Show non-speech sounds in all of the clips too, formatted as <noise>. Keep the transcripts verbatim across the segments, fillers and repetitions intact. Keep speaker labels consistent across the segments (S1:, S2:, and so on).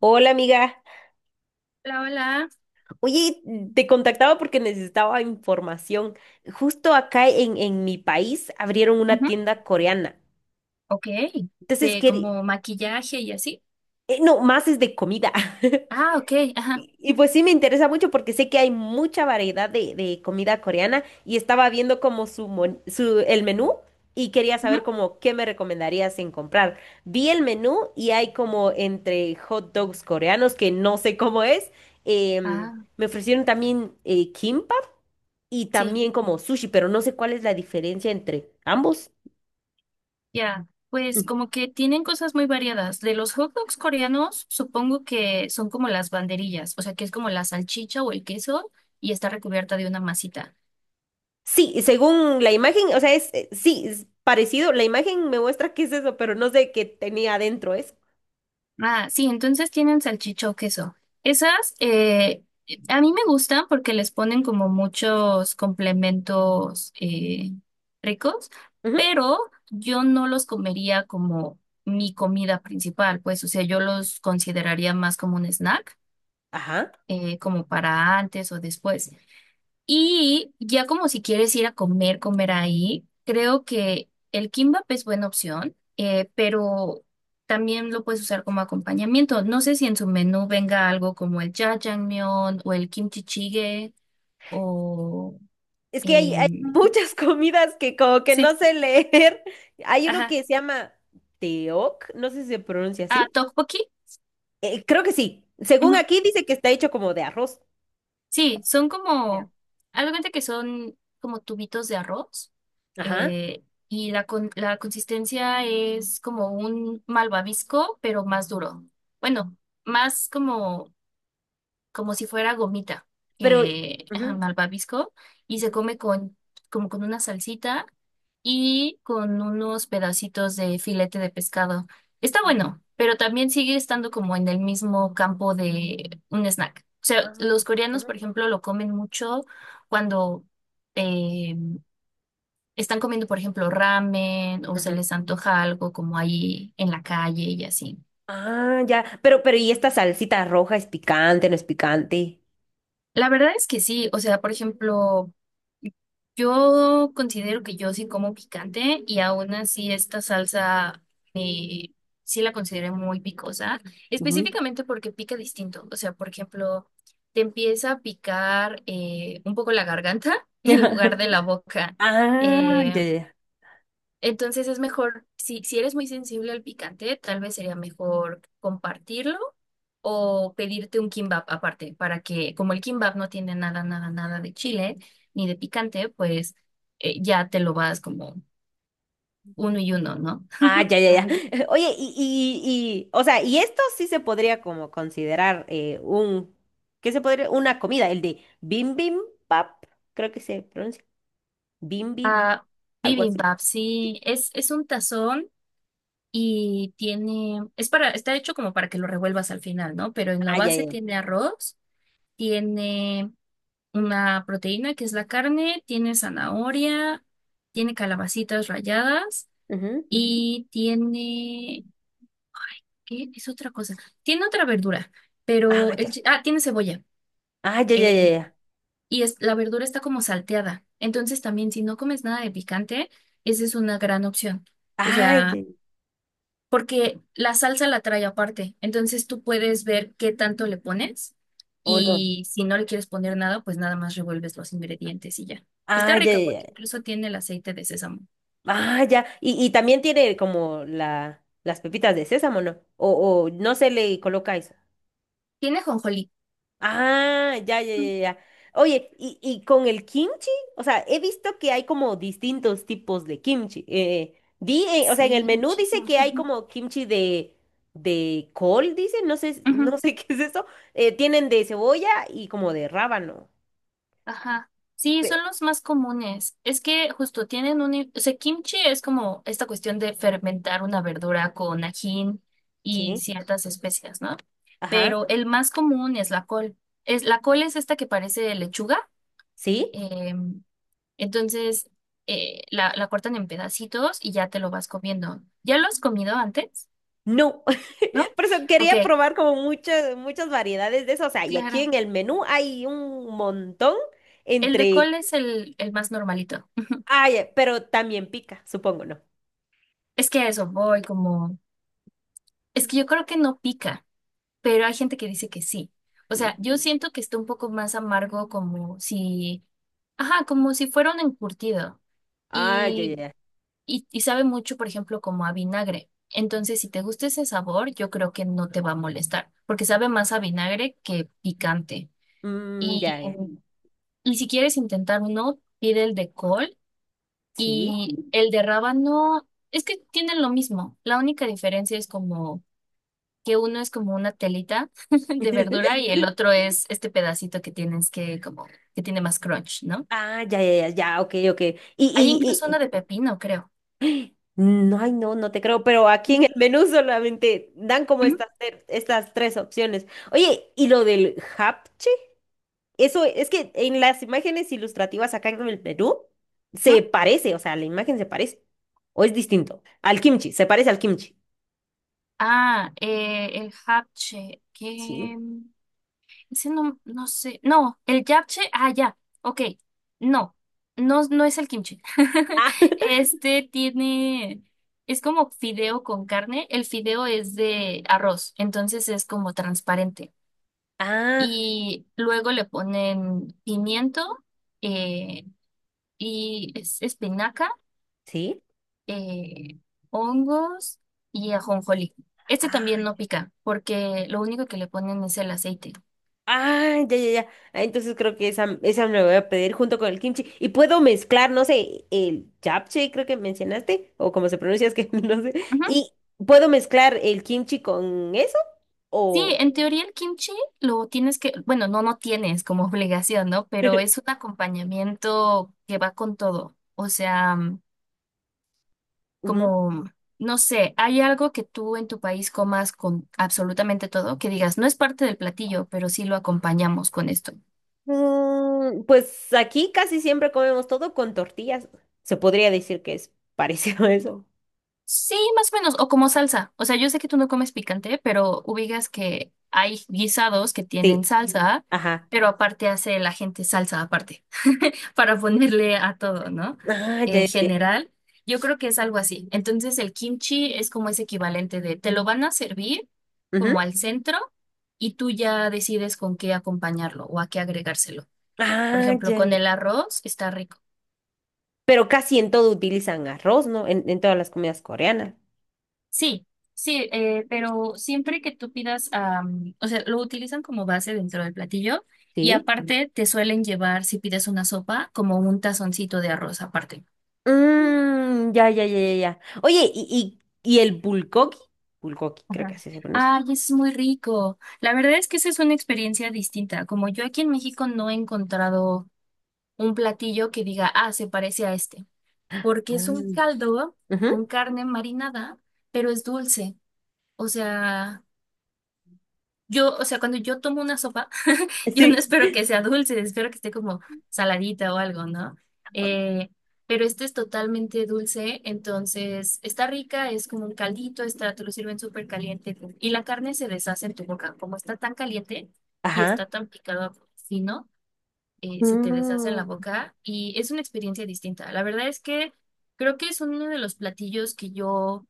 S1: Hola amiga,
S2: Hola, hola.
S1: oye, te contactaba porque necesitaba información. Justo acá en, en mi país abrieron una
S2: Ujú.
S1: tienda coreana.
S2: Ok.
S1: Entonces,
S2: De
S1: quería,
S2: como maquillaje y así.
S1: no, más es de comida. <laughs>
S2: Ah, ok. Ajá.
S1: Y, y pues sí me interesa mucho porque sé que hay mucha variedad de, de comida coreana y estaba viendo como su, mon- su el menú y quería
S2: Ujú.
S1: saber como qué me recomendarías en comprar. Vi el menú y hay como entre hot dogs coreanos que no sé cómo es. em,
S2: Ah,
S1: me ofrecieron también eh, kimbap y
S2: sí.
S1: también como sushi, pero no sé cuál es la diferencia entre ambos.
S2: Ya. Pues como que tienen cosas muy variadas. De los hot dogs coreanos, supongo que son como las banderillas, o sea, que es como la salchicha o el queso y está recubierta de una masita.
S1: Sí, según la imagen, o sea, es, eh, sí, es parecido. La imagen me muestra qué es eso, pero no sé qué tenía adentro eso.
S2: Ah, sí, entonces tienen salchicha o queso. Esas eh, a mí me gustan porque les ponen como muchos complementos eh, ricos,
S1: Ujú,
S2: pero yo no los comería como mi comida principal, pues, o sea, yo los consideraría más como un snack,
S1: ajá.
S2: eh, como para antes o después. Y ya como si quieres ir a comer, comer ahí, creo que el kimbap es buena opción, eh, pero también lo puedes usar como acompañamiento. No sé si en su menú venga algo como el jajangmyeon o el kimchi jjigae o
S1: Es que hay, hay
S2: em,
S1: muchas <laughs> comidas que como que
S2: sí,
S1: no sé leer. <laughs> Hay uno
S2: ajá,
S1: que se llama teoc, no sé si se pronuncia
S2: ah,
S1: así.
S2: tteokbokki.
S1: Eh, creo que sí. Según aquí dice que está hecho como de arroz.
S2: Sí, son
S1: De
S2: como, haz de cuenta que son como tubitos de arroz
S1: Ajá.
S2: eh, y la, con- la consistencia es como un malvavisco, pero más duro. Bueno, más como como si fuera gomita,
S1: Pero.
S2: que <laughs> ajá,
S1: Ujú,
S2: malvavisco, y se
S1: ujú,
S2: come con, como con una salsita y con unos pedacitos de filete de pescado. Está
S1: ah,
S2: bueno, pero también sigue estando como en el mismo campo de un snack. O sea,
S1: ujú,
S2: los coreanos,
S1: ujú.
S2: por ejemplo, lo comen mucho cuando eh, están comiendo, por ejemplo, ramen o se
S1: Ujú.
S2: les antoja algo como ahí en la calle y así.
S1: Ah, ya. Pero, pero, ¿y esta salsita roja es picante, no es picante?
S2: La verdad es que sí, o sea, por ejemplo, yo considero que yo sí como picante y aún así esta salsa eh, sí la consideré muy picosa,
S1: Ujú.
S2: específicamente porque pica distinto, o sea, por ejemplo, te empieza a picar eh, un poco la garganta <laughs> en lugar de la
S1: <laughs>
S2: boca.
S1: Ah,
S2: eh,
S1: ya, ya, ya.
S2: entonces es mejor, si, si eres muy sensible al picante, tal vez sería mejor compartirlo o pedirte un kimbap aparte, para que como el kimbap no tiene nada, nada, nada de chile ni de picante, pues eh, ya te lo vas como uno y uno, ¿no?
S1: Ah, ya, ya, ya. <laughs> Oye, y, y, y, o sea, y esto sí se podría como considerar eh, un, ¿qué se podría? Una comida, el de bim bim pap, creo que se pronuncia. Bim bim,
S2: Ah,
S1: algo así.
S2: bibimbap,
S1: Sí.
S2: sí, es, es un tazón y tiene, es para, está hecho como para que lo revuelvas al final, ¿no? Pero en la
S1: Ah, ya,
S2: base
S1: ya,
S2: tiene arroz, tiene una proteína que es la carne, tiene zanahoria, tiene calabacitas ralladas
S1: ya. Ujú.
S2: y tiene, ¿qué es otra cosa? Tiene otra verdura, pero
S1: Ah,
S2: el,
S1: ya.
S2: chi- ah, tiene cebolla.
S1: Ah, ya, ya, ya,
S2: eh,
S1: ya.
S2: y es, la verdura está como salteada. Entonces también si no comes nada de picante, esa es una gran opción. O
S1: Ah, ya,
S2: sea,
S1: ya.
S2: porque la salsa la trae aparte. Entonces tú puedes ver qué tanto le pones
S1: O no.
S2: y si no le quieres poner nada, pues nada más revuelves los ingredientes y ya. Está
S1: Ah, ya,
S2: rica
S1: ya, ya.
S2: porque incluso tiene el aceite de sésamo.
S1: Ah, ya. Y, y también tiene como la, las pepitas de sésamo, ¿no? O, o no se le coloca eso.
S2: Tiene jonjolí.
S1: Ah, ya, ya,
S2: Mm.
S1: ya, ya. Oye, ¿y, y con el kimchi? O sea, he visto que hay como distintos tipos de kimchi. Eh, di, eh, o sea, en el
S2: Sí,
S1: menú dice
S2: muchísimos.
S1: que hay
S2: Ujú,
S1: como kimchi de, de col, dice, no sé, no
S2: ujú.
S1: sé <laughs> qué es eso. Eh, tienen de cebolla y como de rábano.
S2: Ajá. Sí,
S1: Pe-
S2: son los más comunes. Es que justo tienen un... O sea, kimchi es como esta cuestión de fermentar una verdura con ajín y
S1: Sí,
S2: ciertas especias, ¿no?
S1: ajá,
S2: Pero el más común es la col. Es, la col es esta que parece lechuga.
S1: sí.
S2: eh, entonces, eh, la, la cortan en pedacitos y ya te lo vas comiendo. ¿Ya lo has comido antes?
S1: No, <laughs>
S2: ¿No?
S1: por eso
S2: Ok,
S1: quería probar como muchas, muchas variedades de eso. O sea, y aquí
S2: claro.
S1: en el menú hay un montón
S2: El de
S1: entre.
S2: col es el, el más normalito.
S1: Ay, pero también pica, supongo, ¿no?
S2: Es que a eso voy, como... Es que yo creo que no pica, pero hay gente que dice que sí. O sea, yo
S1: Mm.
S2: siento que está un poco más amargo como si, ajá, como si fuera un encurtido
S1: Ah, ya, ya,
S2: y,
S1: ya.
S2: y, y sabe mucho, por ejemplo, como a vinagre. Entonces, si te gusta ese sabor, yo creo que no te va a molestar, porque sabe más a vinagre que picante.
S1: Mm,
S2: Y,
S1: ya, ya.
S2: y si quieres intentar uno, pide el de col
S1: Sí.
S2: y el de rábano, es que tienen lo mismo. La única diferencia es como que uno es como una telita <laughs> de verdura y
S1: <laughs>
S2: el otro es este pedacito que tienes que como que tiene más crunch, ¿no?
S1: Ah, ya, ya, ya, ya, ok, ok. Y,
S2: Hay incluso
S1: y,
S2: una de
S1: y...
S2: pepino, creo.
S1: No, ay, no, no te creo, pero aquí
S2: Ujú.
S1: en el menú solamente dan como estas, ter- estas tres opciones. Oye, ¿y lo del japchac? Eso es que en las imágenes ilustrativas acá en el Perú se parece, o sea, la imagen se parece o es distinto al kimchi, se parece al kimchi.
S2: Ah, eh, el japche, que
S1: Sí.
S2: ese no, no sé, no, el japche, ah, ya, ok, no, no, no es el kimchi. <laughs>
S1: Ah, <laughs>
S2: Este tiene, es como fideo con carne, el fideo es de arroz, entonces es como transparente.
S1: ah,
S2: Y luego le ponen pimiento eh, y es- espinaca,
S1: sí.
S2: eh, hongos y ajonjolí. Este también
S1: Ah,
S2: no pica porque lo único que le ponen es el aceite.
S1: ah, ya, ya, ya. Ah, entonces creo que esa, esa me voy a pedir junto con el kimchi y puedo mezclar, no sé, el japchae creo que mencionaste o como se pronuncia es que <laughs> no sé.
S2: Ujú.
S1: Y puedo mezclar el kimchi con eso
S2: Sí,
S1: o
S2: en teoría el kimchi lo tienes que, bueno, no, no tienes como <laughs> obligación, ¿no? Pero
S1: <laughs>
S2: es un acompañamiento que va con todo. O sea,
S1: Ujú.
S2: como, no sé, hay algo que tú en tu país comas con absolutamente todo, que digas, no es parte del platillo, pero sí lo acompañamos con esto.
S1: Mm, pues aquí casi siempre comemos todo con tortillas. Se podría decir que es <laughs> parecido a eso.
S2: Sí, más o menos, o como salsa. O sea, yo sé que tú no comes picante, pero ubicas que hay guisados que tienen
S1: Sí,
S2: salsa,
S1: ajá.
S2: pero aparte hace la gente salsa aparte, para ponerle a todo, ¿no?
S1: Ah, ya,
S2: En
S1: ya, ya.
S2: general, yo creo que es algo así. Entonces, el kimchi es como ese equivalente de te lo van a servir como
S1: Ujú.
S2: al centro y tú ya decides con qué acompañarlo o a qué agregárselo. Por
S1: Ah,
S2: ejemplo,
S1: ya,
S2: con
S1: ya.
S2: el arroz está rico.
S1: Pero casi en todo utilizan arroz, ¿no? En, en todas las comidas coreanas.
S2: Sí, sí, eh, pero siempre que tú pidas, am, o sea, lo utilizan como base dentro del platillo y
S1: Sí.
S2: aparte te suelen llevar, si pides una sopa, como un tazoncito de arroz aparte.
S1: Mm, ya, ya, ya, ya, ya. Oye, ¿y, y, y el bulgogi? Bulgogi, creo que
S2: Ajá.
S1: así se pronuncia.
S2: Ay, es muy rico. La verdad es que esa es una experiencia distinta. Como yo aquí en México no he encontrado un platillo que diga, ah, se parece a este, porque es un
S1: Ah.
S2: caldo con
S1: Ujú.
S2: carne marinada, pero es dulce. O sea, yo, o sea, cuando yo tomo una sopa, yo no
S1: Sí.
S2: espero que sea dulce, espero que esté como saladita o algo, ¿no? Eh, pero este es totalmente dulce, entonces está rica, es como un caldito, está, te lo sirven súper caliente y la carne se deshace en tu boca. Como está tan caliente y está
S1: Ajá.
S2: tan picado fino, eh, se te deshace en la
S1: Mm.
S2: boca y es una experiencia distinta. La verdad es que creo que es uno de los platillos que yo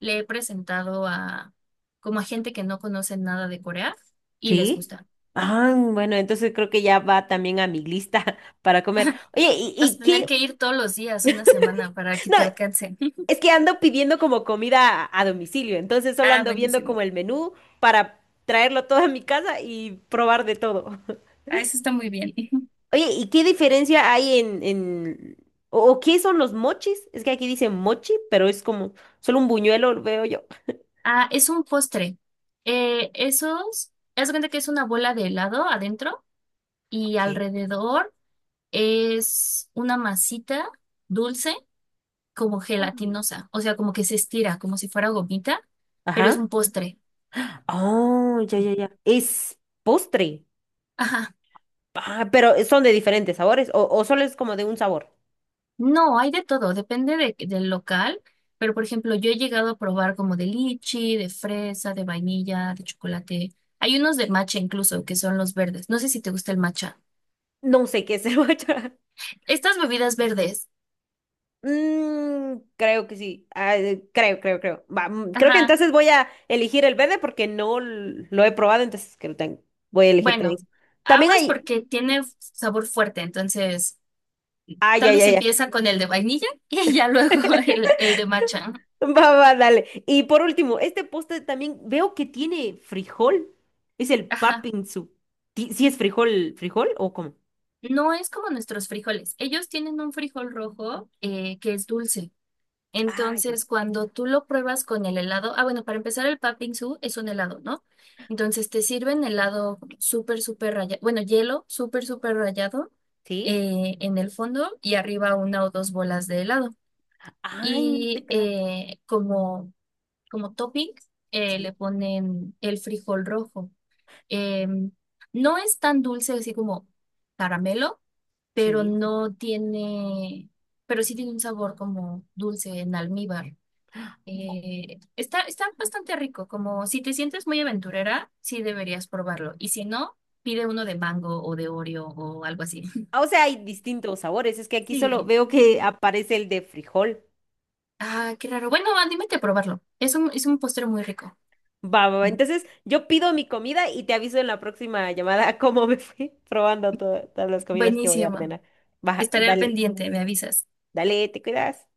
S2: le he presentado a como a gente que no conoce nada de Corea y les
S1: ¿Sí?
S2: gusta.
S1: Ah, bueno, entonces creo que ya va también a mi lista <laughs> para comer. Oye, ¿y,
S2: Vas a
S1: y
S2: tener
S1: qué?
S2: que ir todos los días, una semana, para que
S1: No,
S2: te alcance. <laughs>
S1: es que ando pidiendo como comida a, a domicilio, entonces solo
S2: Ah,
S1: ando viendo como
S2: buenísimo.
S1: el menú para traerlo todo a mi casa y probar de todo. <laughs>
S2: Ah, eso está muy bien. <laughs>
S1: Oye, ¿y qué diferencia hay en, en... o, o qué son los mochis? Es que aquí dice mochi, pero es como solo un buñuelo, lo veo yo.
S2: Ah, es un postre. Eh, esos, haz de cuenta que es una bola de helado adentro y
S1: Ok.
S2: alrededor es una masita dulce, como
S1: Mm.
S2: gelatinosa. O sea, como que se estira, como si fuera gomita, pero es
S1: Ajá.
S2: un postre.
S1: Oh, ya,
S2: Mm.
S1: ya, ya. Es postre.
S2: Ajá.
S1: Ah, pero eh, son de diferentes sabores o, o solo es como de un sabor.
S2: No, hay de todo, depende de- del local, pero por ejemplo, yo he llegado a probar como de lichi, de fresa, de vainilla, de chocolate. Hay unos de matcha incluso, que son los verdes. No sé si te gusta el matcha.
S1: No sé qué es el matcha. <laughs>
S2: Estas bebidas verdes,
S1: Mm, creo que sí. Ah, eh, creo, creo, creo. Va, mm, creo que
S2: ajá,
S1: entonces voy a elegir el verde porque no l- lo he probado, entonces que lo tengo. Voy a elegir también.
S2: bueno,
S1: También
S2: aguas
S1: hay.
S2: porque tiene sabor fuerte, entonces
S1: Ay,
S2: tal
S1: ay,
S2: vez
S1: ay, ay.
S2: empieza con el de vainilla <laughs> y ya luego el,
S1: <laughs>
S2: el de matcha.
S1: Va, va, dale. Y por último, este postre también veo que tiene frijol. Es el
S2: Ajá.
S1: papinzu. Ti- ¿Sí es frijol, frijol o cómo?
S2: No es como nuestros frijoles. Ellos tienen un frijol rojo eh, que es dulce.
S1: Ah, ya.
S2: Entonces, cuando tú lo pruebas con el helado, ah, bueno, para empezar, el Patbingsú es un helado, ¿no? Entonces, te sirven helado súper, súper rayado, bueno, hielo súper, súper rayado
S1: ¿Sí?
S2: eh, en el fondo y arriba una o dos bolas de helado.
S1: Ay, no te
S2: Y
S1: creo.
S2: eh, como, como topping, eh,
S1: Sí,
S2: le ponen el frijol rojo. Em, no es tan dulce así como caramelo, pero
S1: sí.
S2: no tiene, pero sí tiene un sabor como dulce en almíbar. Eh, está, está bastante rico, como si te sientes muy aventurera, sí deberías probarlo. Y si no, pide uno de mango o de Oreo o algo así. <laughs>
S1: Ah, o sea, hay distintos sabores. Es que aquí solo
S2: Sí.
S1: veo que aparece el de frijol.
S2: Ah, qué raro. Bueno, anímate a probarlo. Es un, es un postre muy rico.
S1: Va, va, va. Entonces, yo pido mi comida y te aviso en la próxima llamada <laughs> cómo me fui <laughs> probando to- todas las comidas que voy a
S2: Buenísimo.
S1: ordenar. Va,
S2: Estaré al
S1: dale,
S2: pendiente, me avisas.
S1: dale, te cuidas.